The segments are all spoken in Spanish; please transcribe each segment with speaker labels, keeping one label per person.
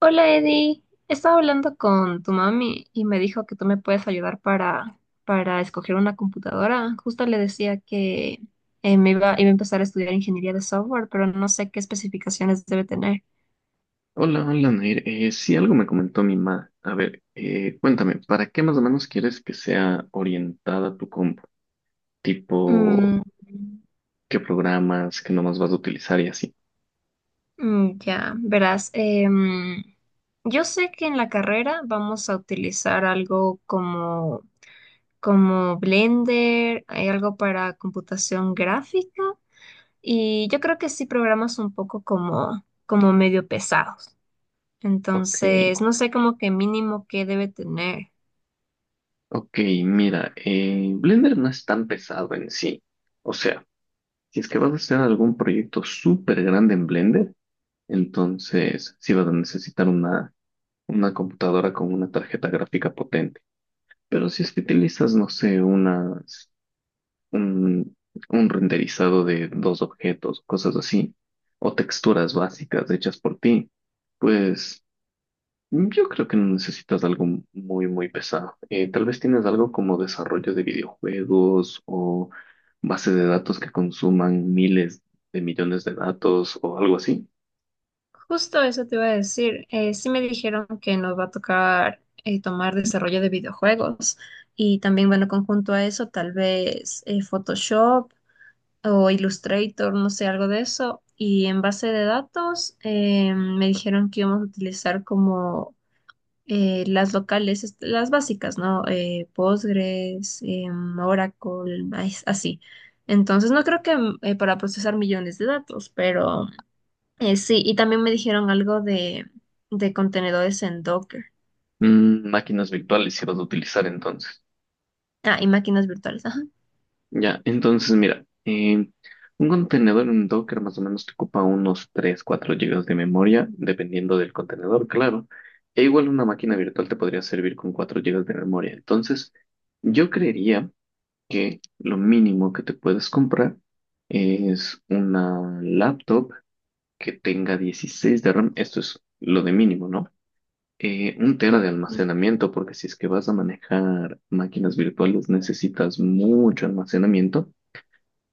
Speaker 1: Hola Eddie, estaba hablando con tu mami y me dijo que tú me puedes ayudar para escoger una computadora. Justo le decía que me iba a empezar a estudiar ingeniería de software, pero no sé qué especificaciones debe tener.
Speaker 2: Hola, hola, Nair. Sí, algo me comentó mi mamá. A ver, cuéntame, ¿para qué más o menos quieres que sea orientada tu compu? Tipo,
Speaker 1: Mm,
Speaker 2: ¿qué programas, qué nomás vas a utilizar y así?
Speaker 1: ya, verás. Yo sé que en la carrera vamos a utilizar algo como Blender, hay algo para computación gráfica. Y yo creo que sí programas un poco como medio pesados.
Speaker 2: Ok,
Speaker 1: Entonces, no sé como que mínimo que debe tener.
Speaker 2: ok, mira, Blender no es tan pesado en sí. O sea, si es que vas a hacer algún proyecto súper grande en Blender, entonces sí vas a necesitar una computadora con una tarjeta gráfica potente. Pero si es que utilizas, no sé, un, un renderizado de dos objetos, cosas así, o texturas básicas hechas por ti, pues yo creo que no necesitas algo muy, muy pesado. Tal vez tienes algo como desarrollo de videojuegos o base de datos que consuman miles de millones de datos o algo así.
Speaker 1: Justo eso te iba a decir. Sí me dijeron que nos va a tocar tomar desarrollo de videojuegos. Y también, bueno, conjunto a eso, tal vez Photoshop o Illustrator, no sé, algo de eso. Y en base de datos, me dijeron que íbamos a utilizar como las locales, las básicas, ¿no? Postgres, Oracle, es así. Entonces, no creo que para procesar millones de datos, pero sí, y también me dijeron algo de contenedores en Docker.
Speaker 2: Máquinas virtuales si vas a utilizar entonces.
Speaker 1: Ah, y máquinas virtuales, ajá.
Speaker 2: Ya, entonces mira, un contenedor en Docker más o menos te ocupa unos 3, 4 gigas de memoria, dependiendo del contenedor, claro. E igual una máquina virtual te podría servir con 4 gigas de memoria. Entonces, yo creería que lo mínimo que te puedes comprar es una laptop que tenga 16 de RAM. Esto es lo de mínimo, ¿no? Un tera de
Speaker 1: Ujú.
Speaker 2: almacenamiento, porque si es que vas a manejar máquinas virtuales necesitas mucho almacenamiento.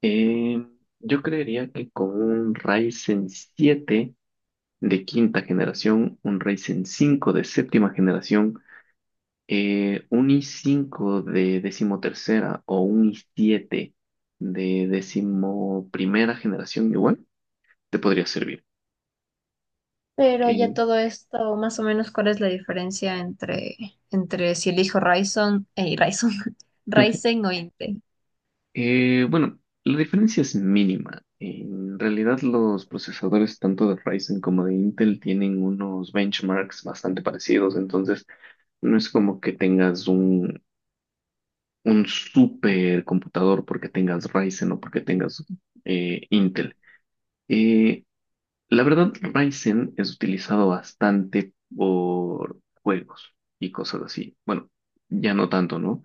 Speaker 2: Eh, yo creería que con un Ryzen 7 de quinta generación, un Ryzen 5 de séptima generación, un i5 de decimotercera o un i7 de decimoprimera generación igual, te podría servir.
Speaker 1: Pero
Speaker 2: Eh,
Speaker 1: ya todo esto, más o menos, ¿cuál es la diferencia entre si elijo Ryzen, Ryzen o Intel?
Speaker 2: bueno, la diferencia es mínima. En realidad los procesadores tanto de Ryzen como de Intel tienen unos benchmarks bastante parecidos. Entonces, no es como que tengas un super computador porque tengas Ryzen o porque tengas Intel. Eh, la verdad, Ryzen es utilizado bastante por juegos y cosas así. Bueno, ya no tanto, ¿no?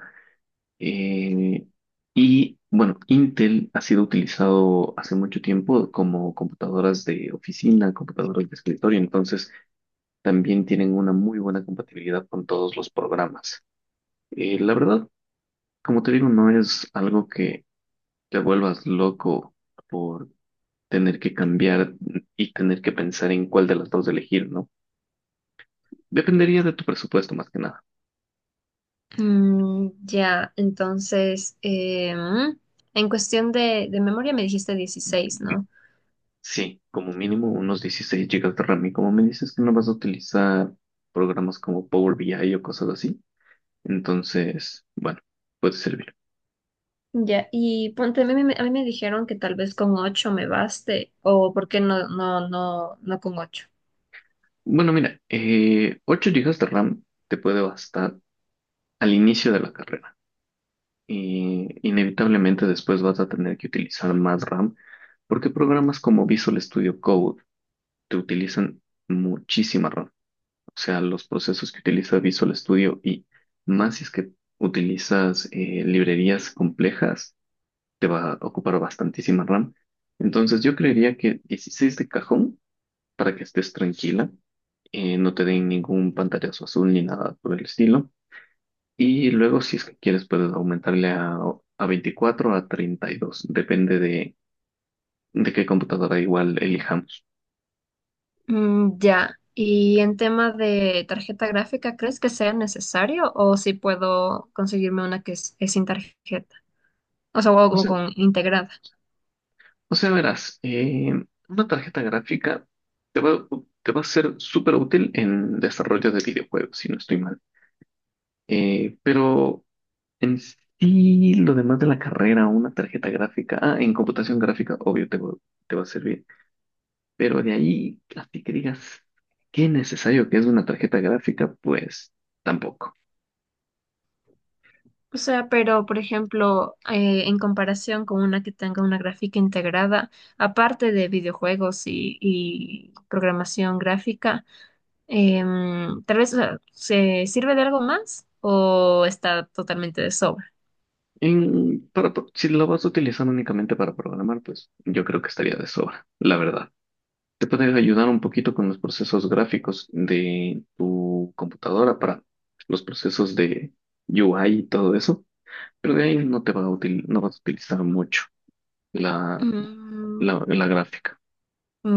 Speaker 2: Eh, y bueno, Intel ha sido utilizado hace mucho tiempo como computadoras de oficina, computadoras de escritorio, entonces también tienen una muy buena compatibilidad con todos los programas. La verdad, como te digo, no es algo que te vuelvas loco por tener que cambiar y tener que pensar en cuál de las dos elegir, ¿no? Dependería de tu presupuesto más que nada.
Speaker 1: Ya, entonces, em, en cuestión de memoria me dijiste 16, ¿no?
Speaker 2: Sí, como mínimo unos 16 gigas de RAM y como me dices que no vas a utilizar programas como Power BI o cosas así, entonces, bueno, puede servir.
Speaker 1: Ya, y ponte, a mí me dijeron que tal vez con 8 me baste, o por qué no, no, no, no con ocho.
Speaker 2: Bueno, mira, 8 GB de RAM te puede bastar al inicio de la carrera. Y inevitablemente después vas a tener que utilizar más RAM porque programas como Visual Studio Code te utilizan muchísima RAM. O sea, los procesos que utiliza Visual Studio y más si es que utilizas librerías complejas, te va a ocupar bastantísima RAM. Entonces yo creería que 16 de cajón para que estés tranquila, no te den ningún pantallazo azul ni nada por el estilo. Y luego, si es que quieres, puedes aumentarle a 24 a 32. Depende de qué computadora igual elijamos.
Speaker 1: Ya, y en tema de tarjeta gráfica, ¿crees que sea necesario o si puedo conseguirme una que es sin tarjeta? O sea, o,
Speaker 2: O
Speaker 1: o
Speaker 2: sea,
Speaker 1: con integrado.
Speaker 2: o sea, verás, una tarjeta gráfica te va, te va a ser súper útil en desarrollo de videojuegos, si no estoy mal. Pero en sí, lo demás de la carrera, una tarjeta gráfica, ah, en computación gráfica, obvio, te va a servir. Pero de ahí, así que digas, qué necesario que es una tarjeta gráfica, pues tampoco.
Speaker 1: O sea, pero por ejemplo, en comparación con una que tenga una gráfica integrada, aparte de videojuegos y programación gráfica, tal vez o sea, se sirve de algo más o está totalmente de sobra.
Speaker 2: Si lo vas a utilizar únicamente para programar, pues yo creo que estaría de sobra, la verdad. Te puede ayudar un poquito con los procesos gráficos de tu computadora para los procesos de UI y todo eso, pero de ahí no te va a no vas a utilizar mucho la,
Speaker 1: Mm,
Speaker 2: la gráfica.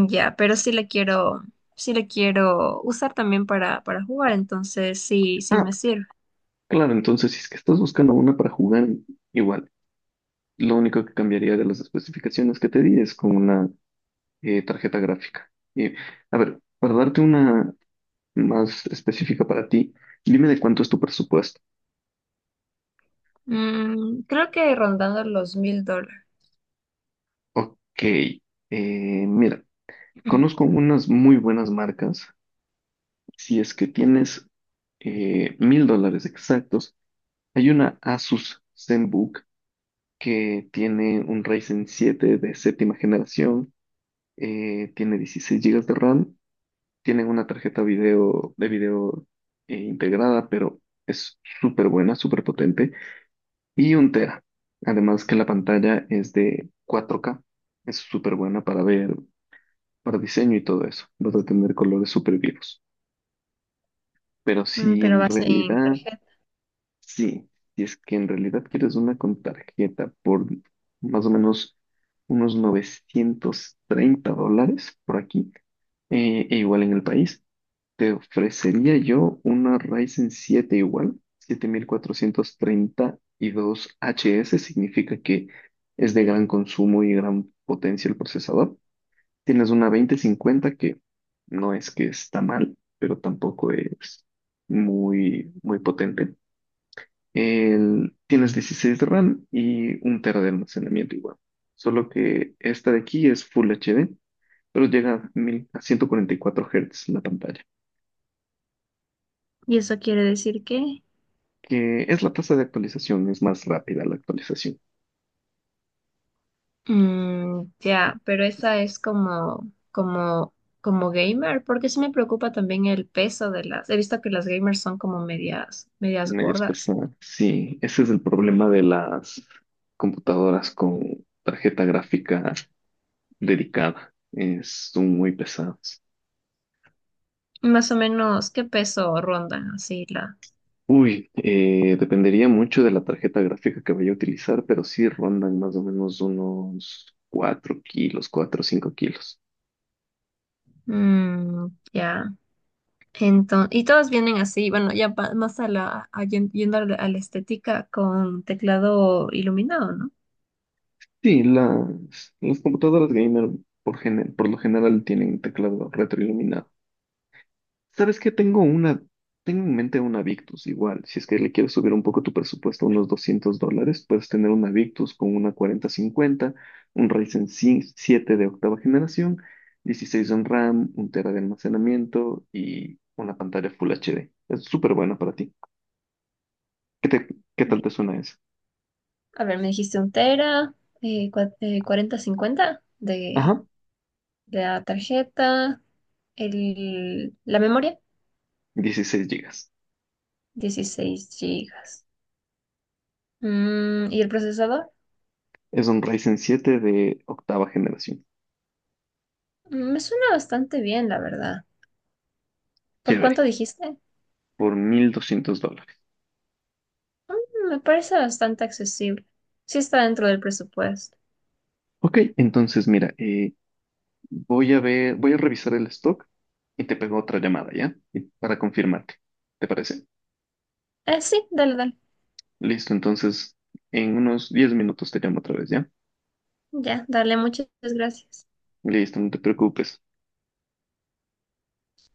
Speaker 1: ya, pero sí le quiero usar también para jugar, entonces sí, sí
Speaker 2: Ah,
Speaker 1: me sirve.
Speaker 2: claro, entonces si es que estás buscando una para jugar, igual. Lo único que cambiaría de las especificaciones que te di es con una tarjeta gráfica. Y, a ver, para darte una más específica para ti, dime de cuánto es tu presupuesto.
Speaker 1: Creo que rondando los $1000.
Speaker 2: Ok, eh, mira, conozco unas muy buenas marcas. Si es que tienes $1,000 exactos, hay una Asus ZenBook que tiene un Ryzen 7 de séptima generación, tiene 16 gigas de RAM, tiene una tarjeta de video integrada, pero es súper buena, súper potente. Y un tera. Además que la pantalla es de 4K, es súper buena para ver, para diseño y todo eso. Vas a tener colores súper vivos. Pero si
Speaker 1: Pero
Speaker 2: en
Speaker 1: va a ser en
Speaker 2: realidad,
Speaker 1: tarjeta.
Speaker 2: sí, si es que en realidad quieres una con tarjeta por más o menos unos $930 por aquí, e igual en el país. Te ofrecería yo una Ryzen 7 igual, 7432HS, significa que es de gran consumo y gran potencia el procesador. Tienes una 2050 que no es que está mal, pero tampoco es muy, muy potente. Tienes 16 de RAM y un tera de almacenamiento igual. Solo que esta de aquí es Full HD, pero llega a, 1000 a 144 Hz la pantalla,
Speaker 1: ¿Y eso quiere decir que?
Speaker 2: que es la tasa de actualización, es más rápida la actualización.
Speaker 1: Ya, pero esa es como gamer, porque sí me preocupa también el peso de las. He visto que las gamers son como medias
Speaker 2: Medias
Speaker 1: gordas.
Speaker 2: pesadas. Sí, ese es el problema de las computadoras con tarjeta gráfica dedicada. Son muy pesadas.
Speaker 1: Más o menos, ¿qué peso rondan así las?
Speaker 2: Uy, dependería mucho de la tarjeta gráfica que vaya a utilizar, pero sí rondan más o menos unos 4 kilos, 4 o 5 kilos.
Speaker 1: Mm, ya. Entonces, y todas vienen así, bueno, ya más a la, a yen- yendo a la estética con teclado iluminado, ¿no?
Speaker 2: Sí, las computadoras gamer por lo general tienen teclado retroiluminado. ¿Sabes qué? Tengo en mente una Victus igual. Si es que le quieres subir un poco tu presupuesto a unos $200, puedes tener una Victus con una 4050, un Ryzen 5 7 de octava generación, 16 en RAM, un tera de almacenamiento y una pantalla Full HD. Es súper buena para ti. ¿Qué qué tal te suena eso?
Speaker 1: A ver, me dijiste un tera, 40, 50 de,
Speaker 2: Ajá,
Speaker 1: la tarjeta, la memoria,
Speaker 2: 16 gigas.
Speaker 1: 16 gigas. Mm. ¿Y el procesador?
Speaker 2: Es un Ryzen 7 de octava generación.
Speaker 1: Mm. Me suena bastante bien, la verdad. ¿Por cuánto
Speaker 2: Chévere,
Speaker 1: dijiste?
Speaker 2: por $1,200.
Speaker 1: Mm, me parece bastante accesible. Sí está dentro del presupuesto.
Speaker 2: Ok, entonces mira, voy a ver, voy a revisar el stock y te pego otra llamada, ¿ya? Para confirmarte. ¿Te parece?
Speaker 1: Sí, dale, dale.
Speaker 2: Listo, entonces en unos 10 minutos te llamo otra vez, ¿ya?
Speaker 1: Ya, dale, muchas gracias.
Speaker 2: Listo, no te preocupes.